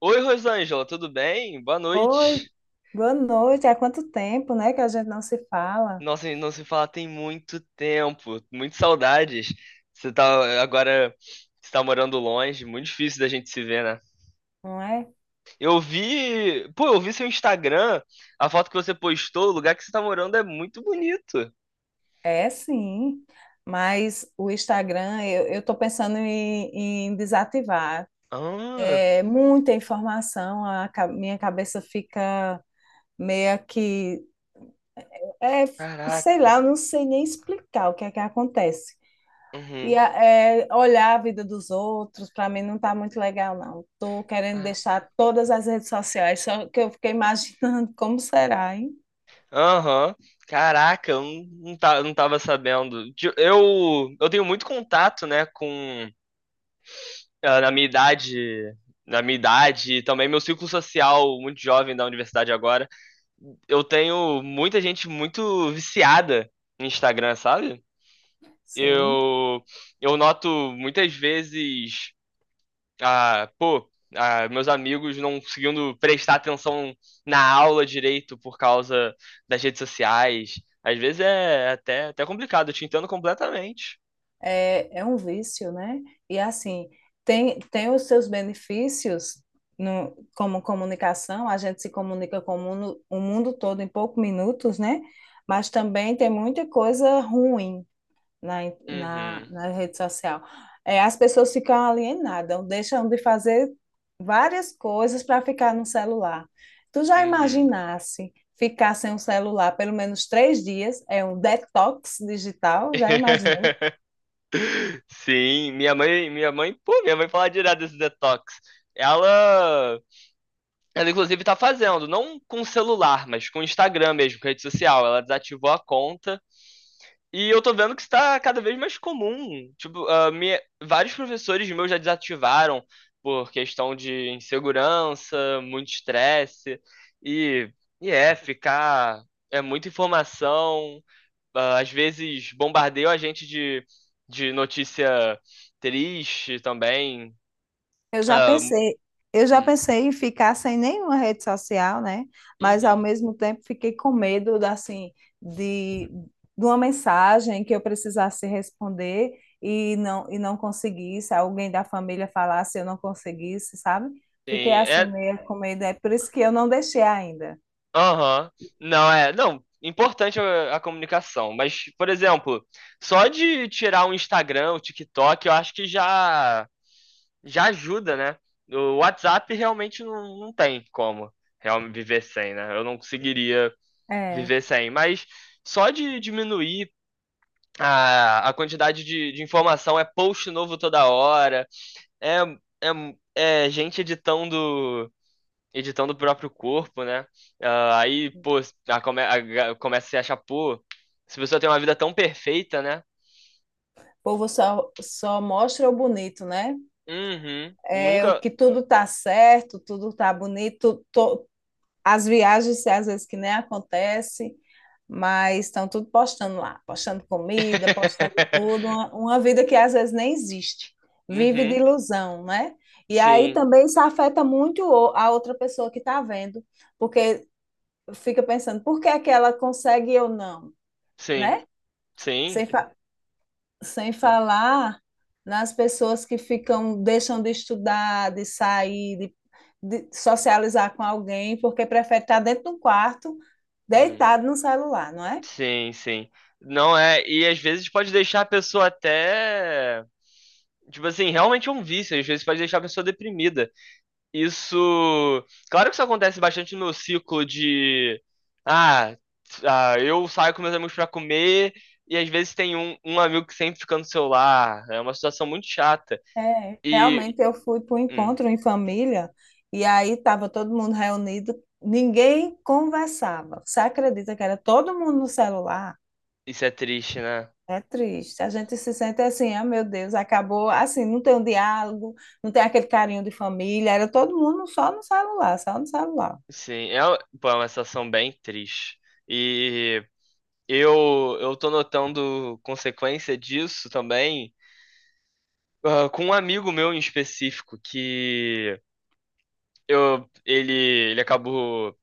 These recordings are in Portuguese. Oi, Rosângela, tudo bem? Boa Oi, noite. boa noite. Há quanto tempo, né, que a gente não se fala, Nossa, não se fala tem muito tempo, muitas saudades. Você tá agora, você tá morando longe, muito difícil da gente se ver, né? não é? Eu vi seu Instagram, a foto que você postou, o lugar que você tá morando é muito bonito. É sim, mas o Instagram eu estou pensando em desativar. Ah, É muita informação, minha cabeça fica meio que, é, sei caraca. lá, eu não sei nem explicar o que é que acontece. Uhum. Olhar a vida dos outros, para mim não tá muito legal, não. Tô querendo Ah, deixar todas as redes sociais, só que eu fiquei imaginando como será, hein? Aham. Caraca, eu não, não, tá- não tava sabendo. Eu tenho muito contato, né, com ah, na minha idade, na minha idade e também meu círculo social muito jovem da universidade agora, eu tenho muita gente muito viciada no Instagram, sabe? Sim. Eu eu noto muitas vezes, pô, meus amigos não conseguindo prestar atenção na aula direito por causa das redes sociais. Às vezes é até complicado, eu te entendo completamente. É, é um vício, né? E assim, tem os seus benefícios no, como comunicação, a gente se comunica com o mundo todo em poucos minutos, né? Mas também tem muita coisa ruim na, Uhum, na rede social. É, as pessoas ficam alienadas, deixam de fazer várias coisas para ficar no celular. Tu já uhum. imaginasse ficar sem o celular pelo menos 3 dias? É um detox digital? Já imaginou? Sim, minha mãe fala direto desse detox. Ela, ela inclusive tá fazendo, não com celular, mas com Instagram mesmo, com rede social. Ela desativou a conta. E eu tô vendo que isso tá cada vez mais comum. Tipo, vários professores meus já desativaram por questão de insegurança, muito estresse. E, e é, ficar. É muita informação às vezes bombardeiam a gente de notícia triste também. Eu já Ah, pensei, eu já hum, pensei em ficar sem nenhuma rede social, né? Mas ao uhum. mesmo tempo fiquei com medo da- assim de, de uma mensagem que eu precisasse responder e não conseguisse, alguém da família falasse e eu não conseguisse, sabe? Fiquei Sim, assim é. meio com medo, é por isso que eu não deixei ainda. Aham. Não, é. Não, importante a comunicação. Mas, por exemplo, só de tirar o Instagram, o TikTok, eu acho que já ajuda, né? O WhatsApp realmente não tem como realmente viver sem, né? Eu não conseguiria É. viver sem. Mas só de diminuir a quantidade de informação é post novo toda hora, é, é gente editando o próprio corpo, né? Ah, aí, pô, a come- a- começa a se achar, pô, se a pessoa tem uma vida tão perfeita, né? O só mostra o bonito, né? Uhum, É o nunca. que tudo tá certo, tudo tá bonito, as viagens às vezes que nem acontece, mas estão tudo postando lá, postando comida, postando tudo, uma vida que às vezes nem existe, vive de Uhum, ilusão, né? E aí sim, também isso afeta muito a outra pessoa que está vendo, porque fica pensando, por que é que ela consegue e eu não, sim, né? sim. Sem fa- Sem falar nas pessoas que ficam, deixam de estudar, de sair, de socializar com alguém, porque prefere estar dentro de um quarto, Uhum, deitado no celular, não é? sim, sim. Não é, e às vezes pode deixar a pessoa até. Tipo assim, realmente é um vício, às vezes pode deixar a pessoa deprimida. Isso. Claro que isso acontece bastante no ciclo de. Ah, ah, eu saio com meus amigos pra comer. E às vezes tem um amigo que sempre fica no celular. É uma situação muito chata. É, E. realmente eu fui para o hum, encontro em família e aí estava todo mundo reunido, ninguém conversava. Você acredita que era todo mundo no celular? isso é triste, né? É triste. A gente se sente assim, ah, meu Deus, acabou. Assim, não tem um diálogo, não tem aquele carinho de família. Era todo mundo só no celular, só no celular. Sim, é, pô, é uma situação bem triste. E eu tô notando consequência disso também. Ah, com um amigo meu em específico, que eu, ele, ele acabou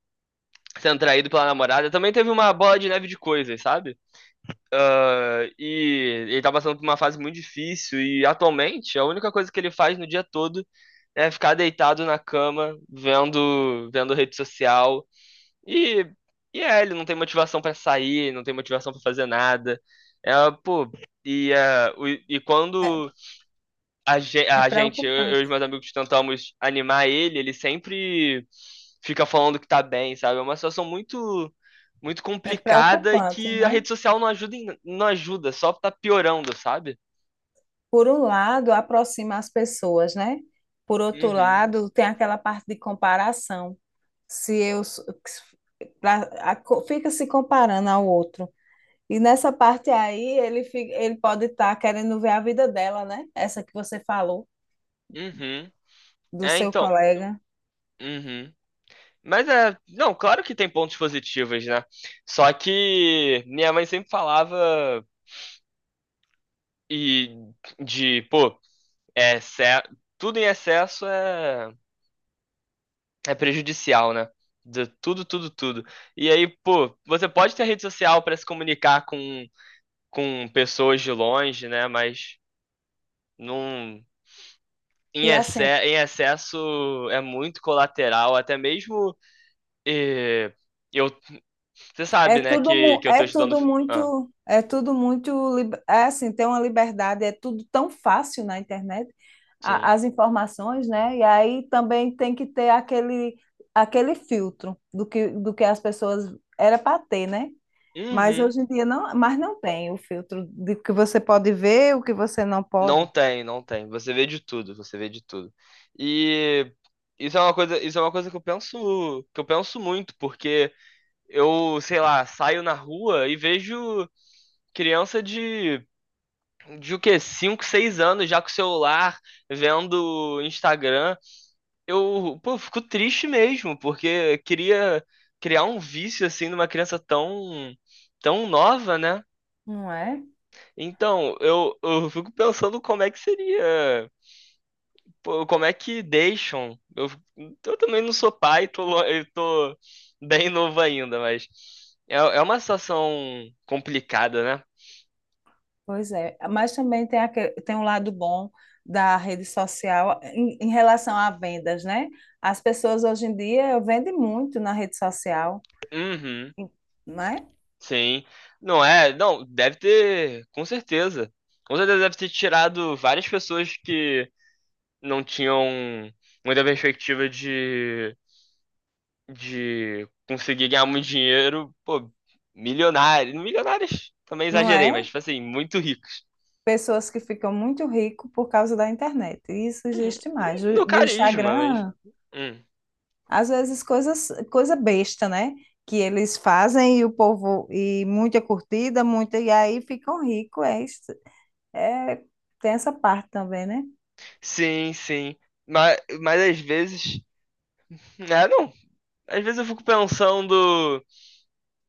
sendo traído pela namorada, também teve uma bola de neve de coisas, sabe? Ah, e ele tá passando por uma fase muito difícil e atualmente a única coisa que ele faz no dia todo é ficar deitado na cama, vendo rede social e, e é, ele não tem motivação pra sair, não tem motivação pra fazer nada. É, pô, e É, quando a, ge- é a gente, eu, eu e os preocupante. meus amigos tentamos animar ele, ele sempre fica falando que tá bem, sabe? É uma situação muito muito É complicada e preocupante, que a né? rede social não ajuda, em- não ajuda, só tá piorando, sabe? Por um lado, aproxima as pessoas, né? Por outro Uhum. lado, tem aquela parte de comparação. Se eu s- pra- a co- Fica se comparando ao outro. E nessa parte aí, ele pode estar querendo ver a vida dela, né? Essa que você falou, Uhum. do É, seu então. colega. Uhum. Mas é, não, claro que tem pontos positivos, né? Só que minha mãe sempre falava e de, pô, é, ce- tudo em excesso é prejudicial, né? De tudo, tudo, tudo. E aí, pô, você pode ter rede social para se comunicar com pessoas de longe, né? Mas não, em, E exce assim, em excesso é muito colateral. Até mesmo eh, eu, você é sabe, né? tudo, Que, mu- que eu tô estudando. Ah, é tudo muito, lib- é assim, tem uma liberdade, é tudo tão fácil na internet, sim. As informações, né? E aí também tem que ter aquele, aquele filtro do que as pessoas era para ter, né? Mas Uhum. hoje em dia não, mas não tem o filtro de que você pode ver, o que você não Não pode, tem, não tem. Você vê de tudo, você vê de tudo. E isso é uma coisa que eu penso muito, porque sei lá, saio na rua e vejo criança de o quê? 5 6 anos já com o celular, vendo Instagram. Eu, pô, fico triste mesmo, porque queria criar um vício assim numa criança tão, tão nova, né? não é? Então, eu fico pensando como é que seria Pô, como é que deixam? Eu também não sou pai, eu tô bem novo ainda, mas é uma situação complicada, né? Pois é, mas também tem, tem um lado bom da rede social em relação a vendas, né? As pessoas hoje em dia vendem muito na rede social, Uhum, em- né? sim. Não é? Não, deve ter, com certeza. Com certeza deve ter tirado várias pessoas que não tinham muita perspectiva de conseguir ganhar muito dinheiro. Pô, milionários. Milionários também Não exagerei, mas, é? tipo assim, muito ricos. Pessoas que ficam muito ricas por causa da internet. Isso Uhum, existe mais. Do No carisma, Instagram, Hum. às vezes coisa besta, né? Que eles fazem e o povo, e muita curtida, muita, e aí ficam ricos. É, tem essa parte também, né? Sim, sim. Mas às vezes. Ah, não. Às vezes eu fico pensando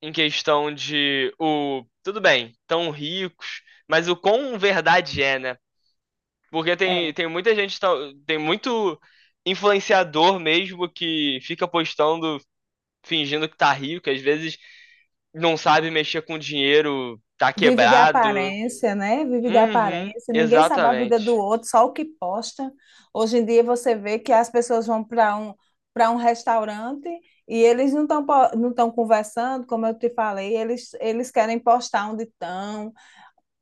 em questão de o. Tudo bem, tão ricos, mas o quão verdade é, né? Porque tem, É, tem muita gente, tem muito influenciador mesmo que fica postando, fingindo que tá rico, às vezes não sabe mexer com dinheiro, tá vive de quebrado. aparência, né? Vive de Uhum, aparência. Ninguém sabe a vida do exatamente. outro, só o que posta. Hoje em dia você vê que as pessoas vão para um restaurante e eles não estão conversando, como eu te falei, eles querem postar onde estão.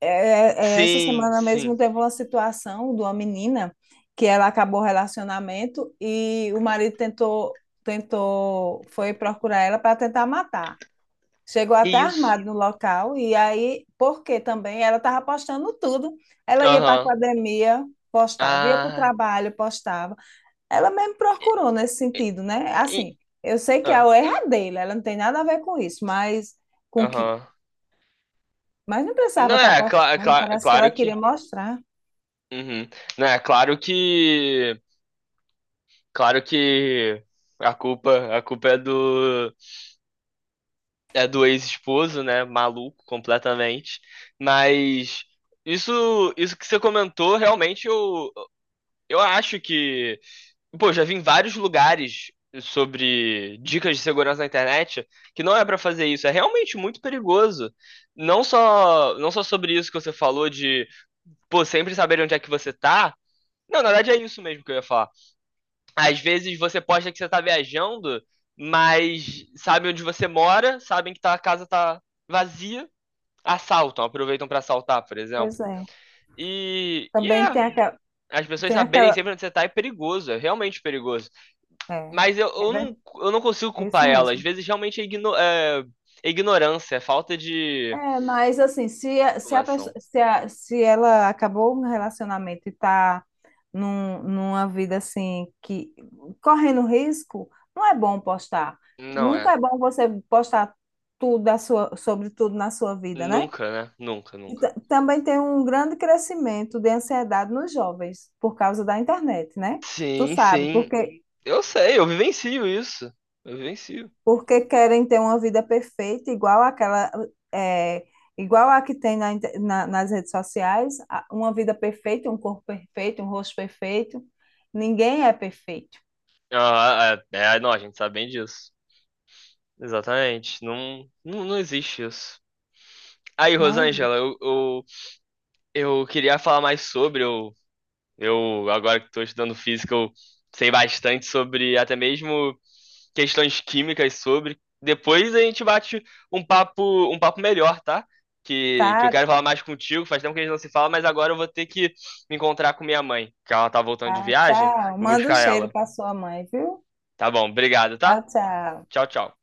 É, é, essa Sim, semana mesmo sim. teve uma situação de uma menina que ela acabou o relacionamento e o marido tentou foi procurar ela para tentar matar. Chegou até E Isso. armado no local, e aí, porque também ela estava postando tudo. Ela ia para a Aham. academia, postava, ia para o Ah. trabalho, postava. Ela mesmo procurou nesse sentido, né? E- Assim, eu sei que a ah, erro é ela não tem nada a ver com isso, mas com que. Aham. Mas não Não precisava estar é, é cla- é postando, cla- é parece que ela claro queria que. mostrar. Uhum. Não é, claro que. Claro que a culpa é do ex-esposo, né? Maluco completamente. Mas isso que você comentou, realmente eu acho que. Pô, já vi em vários lugares sobre dicas de segurança na internet que não é pra fazer isso. É realmente muito perigoso. Não só sobre isso que você falou de pô, sempre saber onde é que você tá. Não, na verdade é isso mesmo que eu ia falar. Às vezes você posta que você tá viajando, mas sabem onde você mora, sabem que a casa tá vazia, assaltam, aproveitam pra assaltar, por Pois exemplo. é. E Também é, tem aquela. as pessoas Tem saberem aquela sempre onde você tá é perigoso, é realmente perigoso. é, Mas eu, é eu ver- não, eu não consigo é isso culpar ela, às mesmo. vezes realmente é ignorância, é falta de É, mas assim, se, a- se, a pessoa, informação. Se ela acabou um relacionamento e está numa vida assim, que correndo risco, não é bom postar. Não é. Nunca é bom você postar sobre tudo na sua vida, né? Nunca, né? Nunca, nunca. Também tem um grande crescimento de ansiedade nos jovens por causa da internet, né? Tu Sim, sabe, sim. porque Eu sei, eu vivencio isso. Eu vivencio. Querem ter uma vida perfeita, igual àquela, é, igual a que tem nas redes sociais, uma vida perfeita, um corpo perfeito, um rosto perfeito. Ninguém é perfeito, Ah, é, não, a gente sabe bem disso. Exatamente. Não, não, não existe isso. Aí, não Rosângela, existe. eu queria falar mais sobre. Eu agora que estou estudando física, eu sei bastante sobre até mesmo questões químicas sobre. Depois a gente bate um papo melhor, tá? Que eu Tá, quero falar mais contigo. Faz tempo que a gente não se fala, mas agora eu vou ter que me encontrar com minha mãe, que ela tá voltando de tá, viagem. tchau. Vou Manda um buscar cheiro ela. para sua mãe, viu? Tá bom, obrigado, Tchau, tá? tchau. Tchau, tchau.